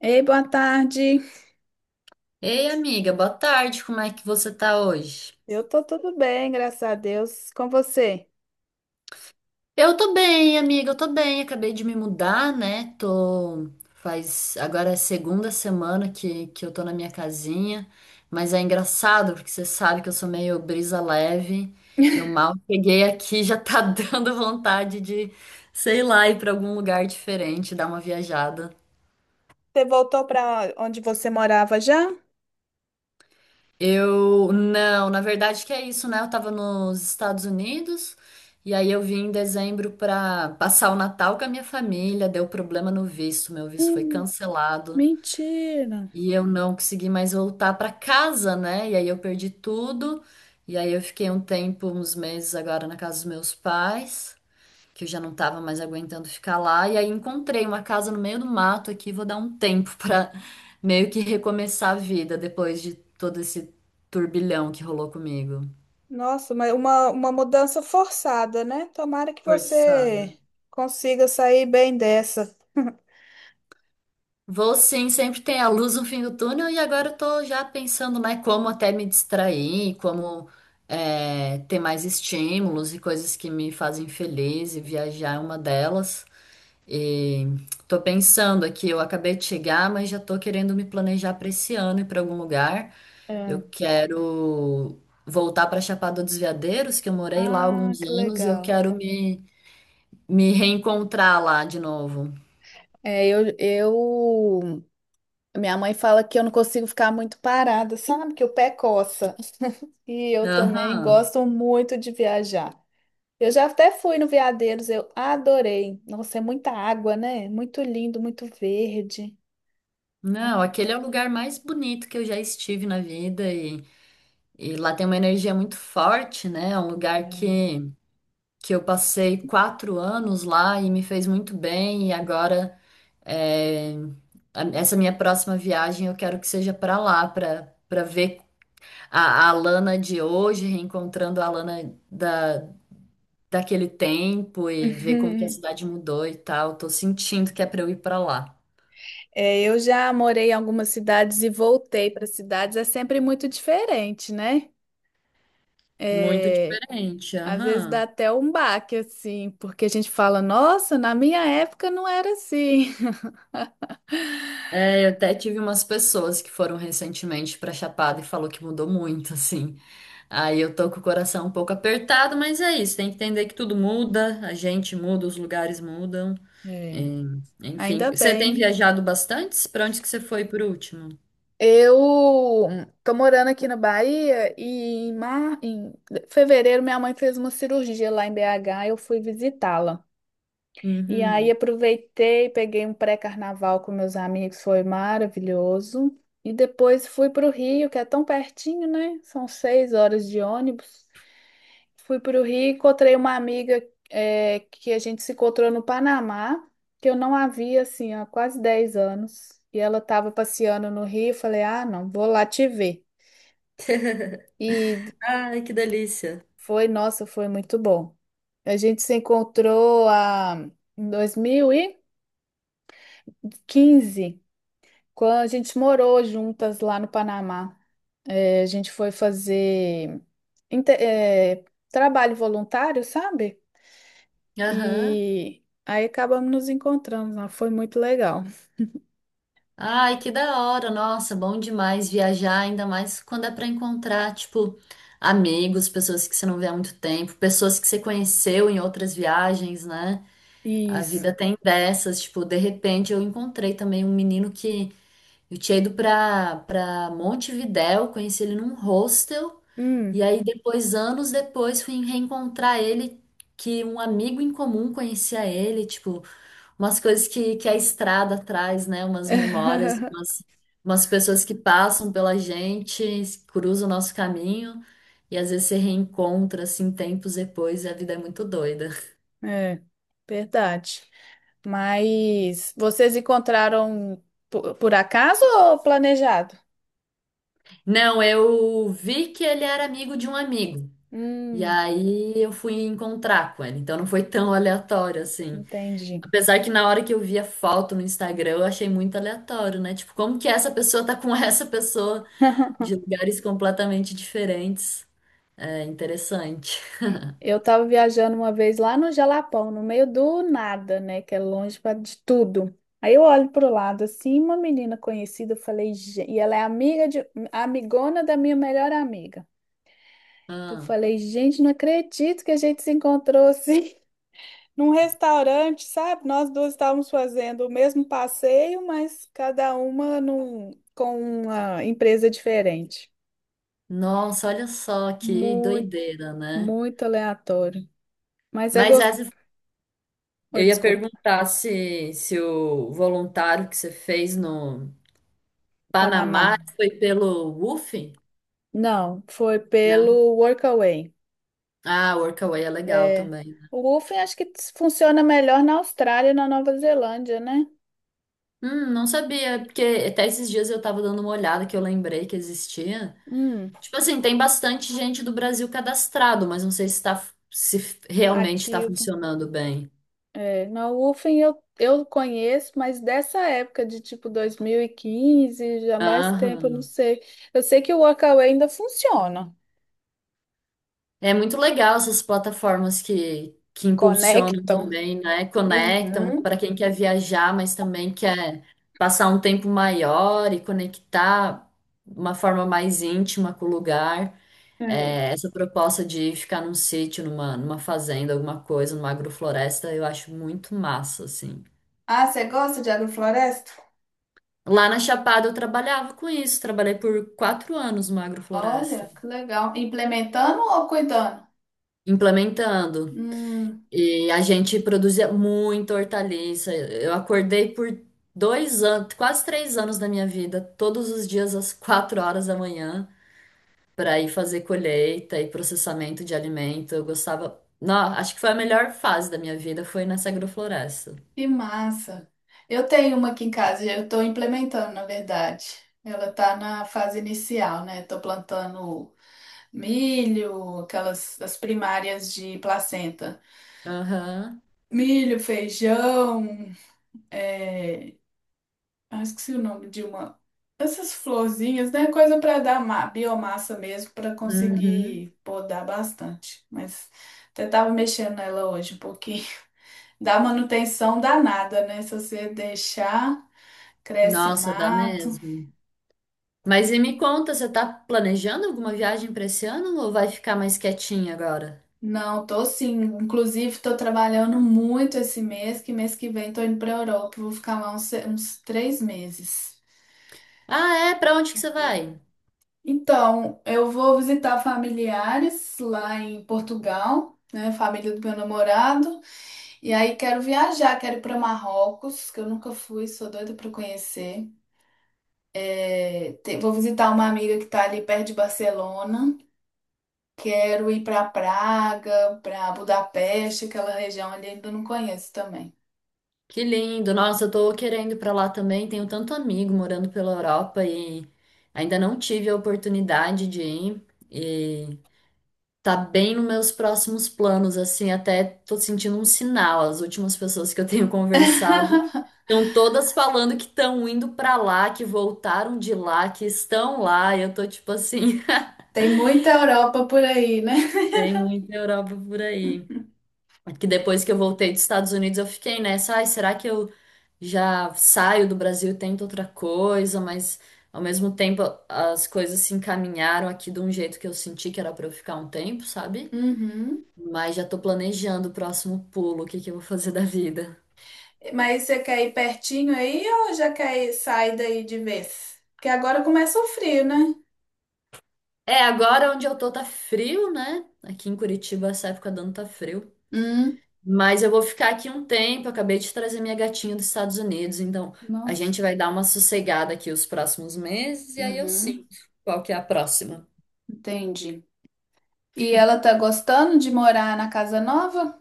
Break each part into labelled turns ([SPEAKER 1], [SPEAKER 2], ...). [SPEAKER 1] Ei, boa tarde.
[SPEAKER 2] Ei, amiga, boa tarde. Como é que você tá hoje?
[SPEAKER 1] Eu tô tudo bem, graças a Deus. Com você?
[SPEAKER 2] Eu tô bem, amiga, eu tô bem. Acabei de me mudar, né? Tô. Faz. Agora é a segunda semana que eu tô na minha casinha. Mas é engraçado, porque você sabe que eu sou meio brisa leve. Eu mal cheguei aqui, já tá dando vontade de, sei lá, ir pra algum lugar diferente, dar uma viajada.
[SPEAKER 1] Você voltou para onde você morava já?
[SPEAKER 2] Eu não, na verdade que é isso, né? Eu tava nos Estados Unidos e aí eu vim em dezembro pra passar o Natal com a minha família, deu problema no visto, meu visto foi
[SPEAKER 1] Hum.
[SPEAKER 2] cancelado
[SPEAKER 1] Mentira.
[SPEAKER 2] e eu não consegui mais voltar pra casa, né? E aí eu perdi tudo. E aí eu fiquei um tempo, uns meses agora na casa dos meus pais que eu já não tava mais aguentando ficar lá. E aí encontrei uma casa no meio do mato aqui, vou dar um tempo pra meio que recomeçar a vida depois de todo esse turbilhão que rolou comigo.
[SPEAKER 1] Nossa, mas uma mudança forçada, né? Tomara que você
[SPEAKER 2] Forçado.
[SPEAKER 1] consiga sair bem dessa.
[SPEAKER 2] Vou sim, sempre tem a luz no fim do túnel e agora eu tô já pensando, né, como até me distrair, como ter mais estímulos e coisas que me fazem feliz e viajar é uma delas. E tô pensando aqui, eu acabei de chegar, mas já tô querendo me planejar para esse ano e para algum lugar.
[SPEAKER 1] É.
[SPEAKER 2] Eu quero voltar para Chapada dos Veadeiros, que eu morei lá há
[SPEAKER 1] Ah,
[SPEAKER 2] alguns
[SPEAKER 1] que
[SPEAKER 2] anos, e eu
[SPEAKER 1] legal.
[SPEAKER 2] quero me reencontrar lá de novo.
[SPEAKER 1] É, eu. Minha mãe fala que eu não consigo ficar muito parada, sabe? Que o pé coça. E eu também
[SPEAKER 2] Aham.
[SPEAKER 1] gosto muito de viajar. Eu já até fui no Veadeiros, eu adorei. Nossa, é muita água, né? Muito lindo, muito verde.
[SPEAKER 2] Não, aquele é o lugar mais bonito que eu já estive na vida e lá tem uma energia muito forte, né? É um lugar que eu passei quatro anos lá e me fez muito bem e agora É, essa minha próxima viagem eu quero que seja para lá, para para ver a Alana de hoje, reencontrando a Alana daquele tempo e ver como que a cidade mudou e tal. Tô sentindo que é para eu ir para lá.
[SPEAKER 1] É, eu já morei em algumas cidades e voltei para cidades, é sempre muito diferente, né?
[SPEAKER 2] Muito
[SPEAKER 1] É,
[SPEAKER 2] diferente,
[SPEAKER 1] às vezes dá
[SPEAKER 2] aham.
[SPEAKER 1] até um baque, assim, porque a gente fala, nossa, na minha época não era assim.
[SPEAKER 2] Eu até tive umas pessoas que foram recentemente para Chapada e falou que mudou muito, assim. Aí eu tô com o coração um pouco apertado, mas é isso, tem que entender que tudo muda, a gente muda, os lugares mudam.
[SPEAKER 1] É.
[SPEAKER 2] É, enfim,
[SPEAKER 1] Ainda
[SPEAKER 2] você
[SPEAKER 1] bem,
[SPEAKER 2] tem
[SPEAKER 1] né?
[SPEAKER 2] viajado bastante? Para onde que você foi por último?
[SPEAKER 1] Eu tô morando aqui na Bahia e em fevereiro minha mãe fez uma cirurgia lá em BH, eu fui visitá-la. E aí
[SPEAKER 2] Uhum.
[SPEAKER 1] aproveitei, peguei um pré-carnaval com meus amigos, foi maravilhoso. E depois fui para o Rio, que é tão pertinho, né? São 6 horas de ônibus. Fui para o Rio, encontrei uma amiga que a gente se encontrou no Panamá, que eu não havia assim há quase 10 anos. E ela estava passeando no Rio, eu falei, ah, não, vou lá te ver. E
[SPEAKER 2] Ai, que delícia.
[SPEAKER 1] foi, nossa, foi muito bom. A gente se encontrou em 2015 quando a gente morou juntas lá no Panamá. É, a gente foi fazer inte- é, trabalho voluntário, sabe?
[SPEAKER 2] Aham.
[SPEAKER 1] E aí acabamos nos encontrando lá. Foi muito legal.
[SPEAKER 2] Ai, que da hora, nossa, bom demais viajar, ainda mais quando é para encontrar, tipo, amigos, pessoas que você não vê há muito tempo, pessoas que você conheceu em outras viagens, né? A
[SPEAKER 1] Isso.
[SPEAKER 2] vida tem dessas, tipo, de repente eu encontrei também um menino que eu tinha ido pra Montevidéu, conheci ele num hostel, e
[SPEAKER 1] Hum.
[SPEAKER 2] aí depois, anos depois, fui reencontrar ele, que um amigo em comum conhecia ele, tipo, umas coisas que a estrada traz, né? Umas memórias, umas, umas pessoas que passam pela gente, cruzam o nosso caminho, e às vezes se reencontra, assim, tempos depois, e a vida é muito doida.
[SPEAKER 1] É, verdade. Mas vocês encontraram por acaso ou planejado?
[SPEAKER 2] Não, eu vi que ele era amigo de um amigo. E
[SPEAKER 1] Hum,
[SPEAKER 2] aí eu fui encontrar com ela, então não foi tão aleatório assim.
[SPEAKER 1] entendi.
[SPEAKER 2] Apesar que na hora que eu vi a foto no Instagram, eu achei muito aleatório, né? Tipo, como que essa pessoa tá com essa pessoa de lugares completamente diferentes? É interessante.
[SPEAKER 1] Eu estava viajando uma vez lá no Jalapão, no meio do nada, né? Que é longe de tudo. Aí eu olho pro lado assim, uma menina conhecida, eu falei, "Gen-" e ela é amigona da minha melhor amiga. Eu
[SPEAKER 2] Ah,
[SPEAKER 1] falei, gente, não acredito que a gente se encontrou assim, num restaurante, sabe? Nós duas estávamos fazendo o mesmo passeio, mas cada uma com uma empresa diferente.
[SPEAKER 2] nossa, olha só que
[SPEAKER 1] Muito,
[SPEAKER 2] doideira, né?
[SPEAKER 1] muito aleatório. Mas é
[SPEAKER 2] Mas
[SPEAKER 1] gostoso.
[SPEAKER 2] essa, eu ia
[SPEAKER 1] Desculpa,
[SPEAKER 2] perguntar se o voluntário que você fez no
[SPEAKER 1] Panamá.
[SPEAKER 2] Panamá foi pelo WUF?
[SPEAKER 1] Não, foi
[SPEAKER 2] Não.
[SPEAKER 1] pelo Workaway.
[SPEAKER 2] Ah, Workaway é legal também.
[SPEAKER 1] O Wolfen acho que funciona melhor na Austrália e na Nova Zelândia, né?
[SPEAKER 2] Não sabia, porque até esses dias eu tava dando uma olhada que eu lembrei que existia.
[SPEAKER 1] Hum,
[SPEAKER 2] Tipo assim, tem bastante gente do Brasil cadastrado, mas não sei se tá, se realmente tá
[SPEAKER 1] ativo.
[SPEAKER 2] funcionando bem.
[SPEAKER 1] É, na UFEM eu conheço, mas dessa época de tipo 2015 já mais tempo, eu não
[SPEAKER 2] Aham.
[SPEAKER 1] sei. Eu sei que o Workaway ainda funciona.
[SPEAKER 2] É muito legal essas plataformas que impulsionam
[SPEAKER 1] Conectam.
[SPEAKER 2] também, né? Conectam
[SPEAKER 1] Uhum.
[SPEAKER 2] para quem quer viajar, mas também quer passar um tempo maior e conectar uma forma mais íntima com o lugar.
[SPEAKER 1] É.
[SPEAKER 2] É, essa proposta de ficar num sítio, numa fazenda, alguma coisa, numa agrofloresta, eu acho muito massa, assim.
[SPEAKER 1] Ah, você gosta de agrofloresta?
[SPEAKER 2] Lá na Chapada eu trabalhava com isso, trabalhei por quatro anos numa
[SPEAKER 1] Olha,
[SPEAKER 2] agrofloresta,
[SPEAKER 1] que legal. Implementando ou cuidando?
[SPEAKER 2] implementando.
[SPEAKER 1] Hum,
[SPEAKER 2] E a gente produzia muita hortaliça. Eu acordei por dois anos, quase três anos da minha vida, todos os dias às quatro horas da manhã, para ir fazer colheita e processamento de alimento. Eu gostava. Não, acho que foi a melhor fase da minha vida, foi nessa agrofloresta.
[SPEAKER 1] que massa. Eu tenho uma aqui em casa, eu estou implementando, na verdade. Ela está na fase inicial, né? Estou plantando milho, aquelas as primárias de placenta.
[SPEAKER 2] Aham.
[SPEAKER 1] Milho, feijão, é... ah, esqueci o nome de uma. Essas florzinhas, né? Coisa para dar biomassa mesmo, para
[SPEAKER 2] Uhum.
[SPEAKER 1] conseguir podar bastante. Mas até tava mexendo nela hoje um pouquinho. Dá manutenção danada, né? Se você deixar, cresce
[SPEAKER 2] Nossa, dá
[SPEAKER 1] mato.
[SPEAKER 2] mesmo. Mas e me conta, você tá planejando alguma viagem pra esse ano ou vai ficar mais quietinha agora?
[SPEAKER 1] Não, tô sim. Inclusive, tô trabalhando muito esse mês que vem tô indo pra Europa. Vou ficar lá uns 3 meses.
[SPEAKER 2] Ah, é? Pra onde que você vai?
[SPEAKER 1] Então, eu vou visitar familiares lá em Portugal, né? Família do meu namorado. E aí quero viajar, quero ir para Marrocos, que eu nunca fui, sou doida para conhecer. É, vou visitar uma amiga que tá ali perto de Barcelona. Quero ir para Praga, para Budapeste, aquela região ali ainda não conheço também.
[SPEAKER 2] Que lindo. Nossa, eu tô querendo ir pra lá também. Tenho tanto amigo morando pela Europa e ainda não tive a oportunidade de ir. E tá bem nos meus próximos planos, assim, até tô sentindo um sinal. As últimas pessoas que eu tenho conversado estão todas falando que estão indo pra lá, que voltaram de lá, que estão lá. E eu tô tipo assim,
[SPEAKER 1] Tem muita Europa por aí, né?
[SPEAKER 2] tem muita Europa por aí. Que depois que eu voltei dos Estados Unidos, eu fiquei nessa, ai, será que eu já saio do Brasil e tento outra coisa? Mas ao mesmo tempo as coisas se encaminharam aqui de um jeito que eu senti que era pra eu ficar um tempo, sabe?
[SPEAKER 1] Uhum.
[SPEAKER 2] Mas já tô planejando o próximo pulo, o que que eu vou fazer da vida.
[SPEAKER 1] Mas você quer ir pertinho aí ou já quer ir, sair daí de vez? Porque agora começa o frio, né?
[SPEAKER 2] É, agora onde eu tô tá frio, né? Aqui em Curitiba, essa época do ano tá frio.
[SPEAKER 1] Hum,
[SPEAKER 2] Mas eu vou ficar aqui um tempo. Eu acabei de trazer minha gatinha dos Estados Unidos, então a
[SPEAKER 1] nossa.
[SPEAKER 2] gente vai dar uma sossegada aqui os próximos meses e aí eu
[SPEAKER 1] Uhum,
[SPEAKER 2] sinto qual que é a próxima.
[SPEAKER 1] entendi. E ela tá gostando de morar na casa nova?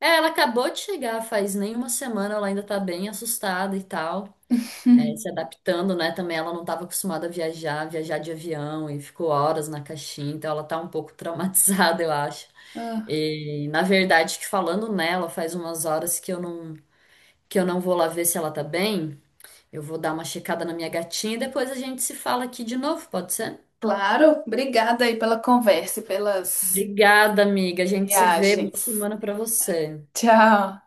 [SPEAKER 2] É, ela acabou de chegar faz nem uma semana, ela ainda tá bem assustada e tal, é, se adaptando, né? Também ela não estava acostumada a viajar, viajar de avião e ficou horas na caixinha, então ela tá um pouco traumatizada, eu acho.
[SPEAKER 1] Ah,
[SPEAKER 2] E na verdade, que falando nela, faz umas horas que eu não vou lá ver se ela tá bem. Eu vou dar uma checada na minha gatinha e depois a gente se fala aqui de novo, pode ser?
[SPEAKER 1] claro. Obrigada aí pela conversa e pelas
[SPEAKER 2] Obrigada, amiga. A gente se vê. Boa
[SPEAKER 1] viagens.
[SPEAKER 2] semana pra você.
[SPEAKER 1] Tchau.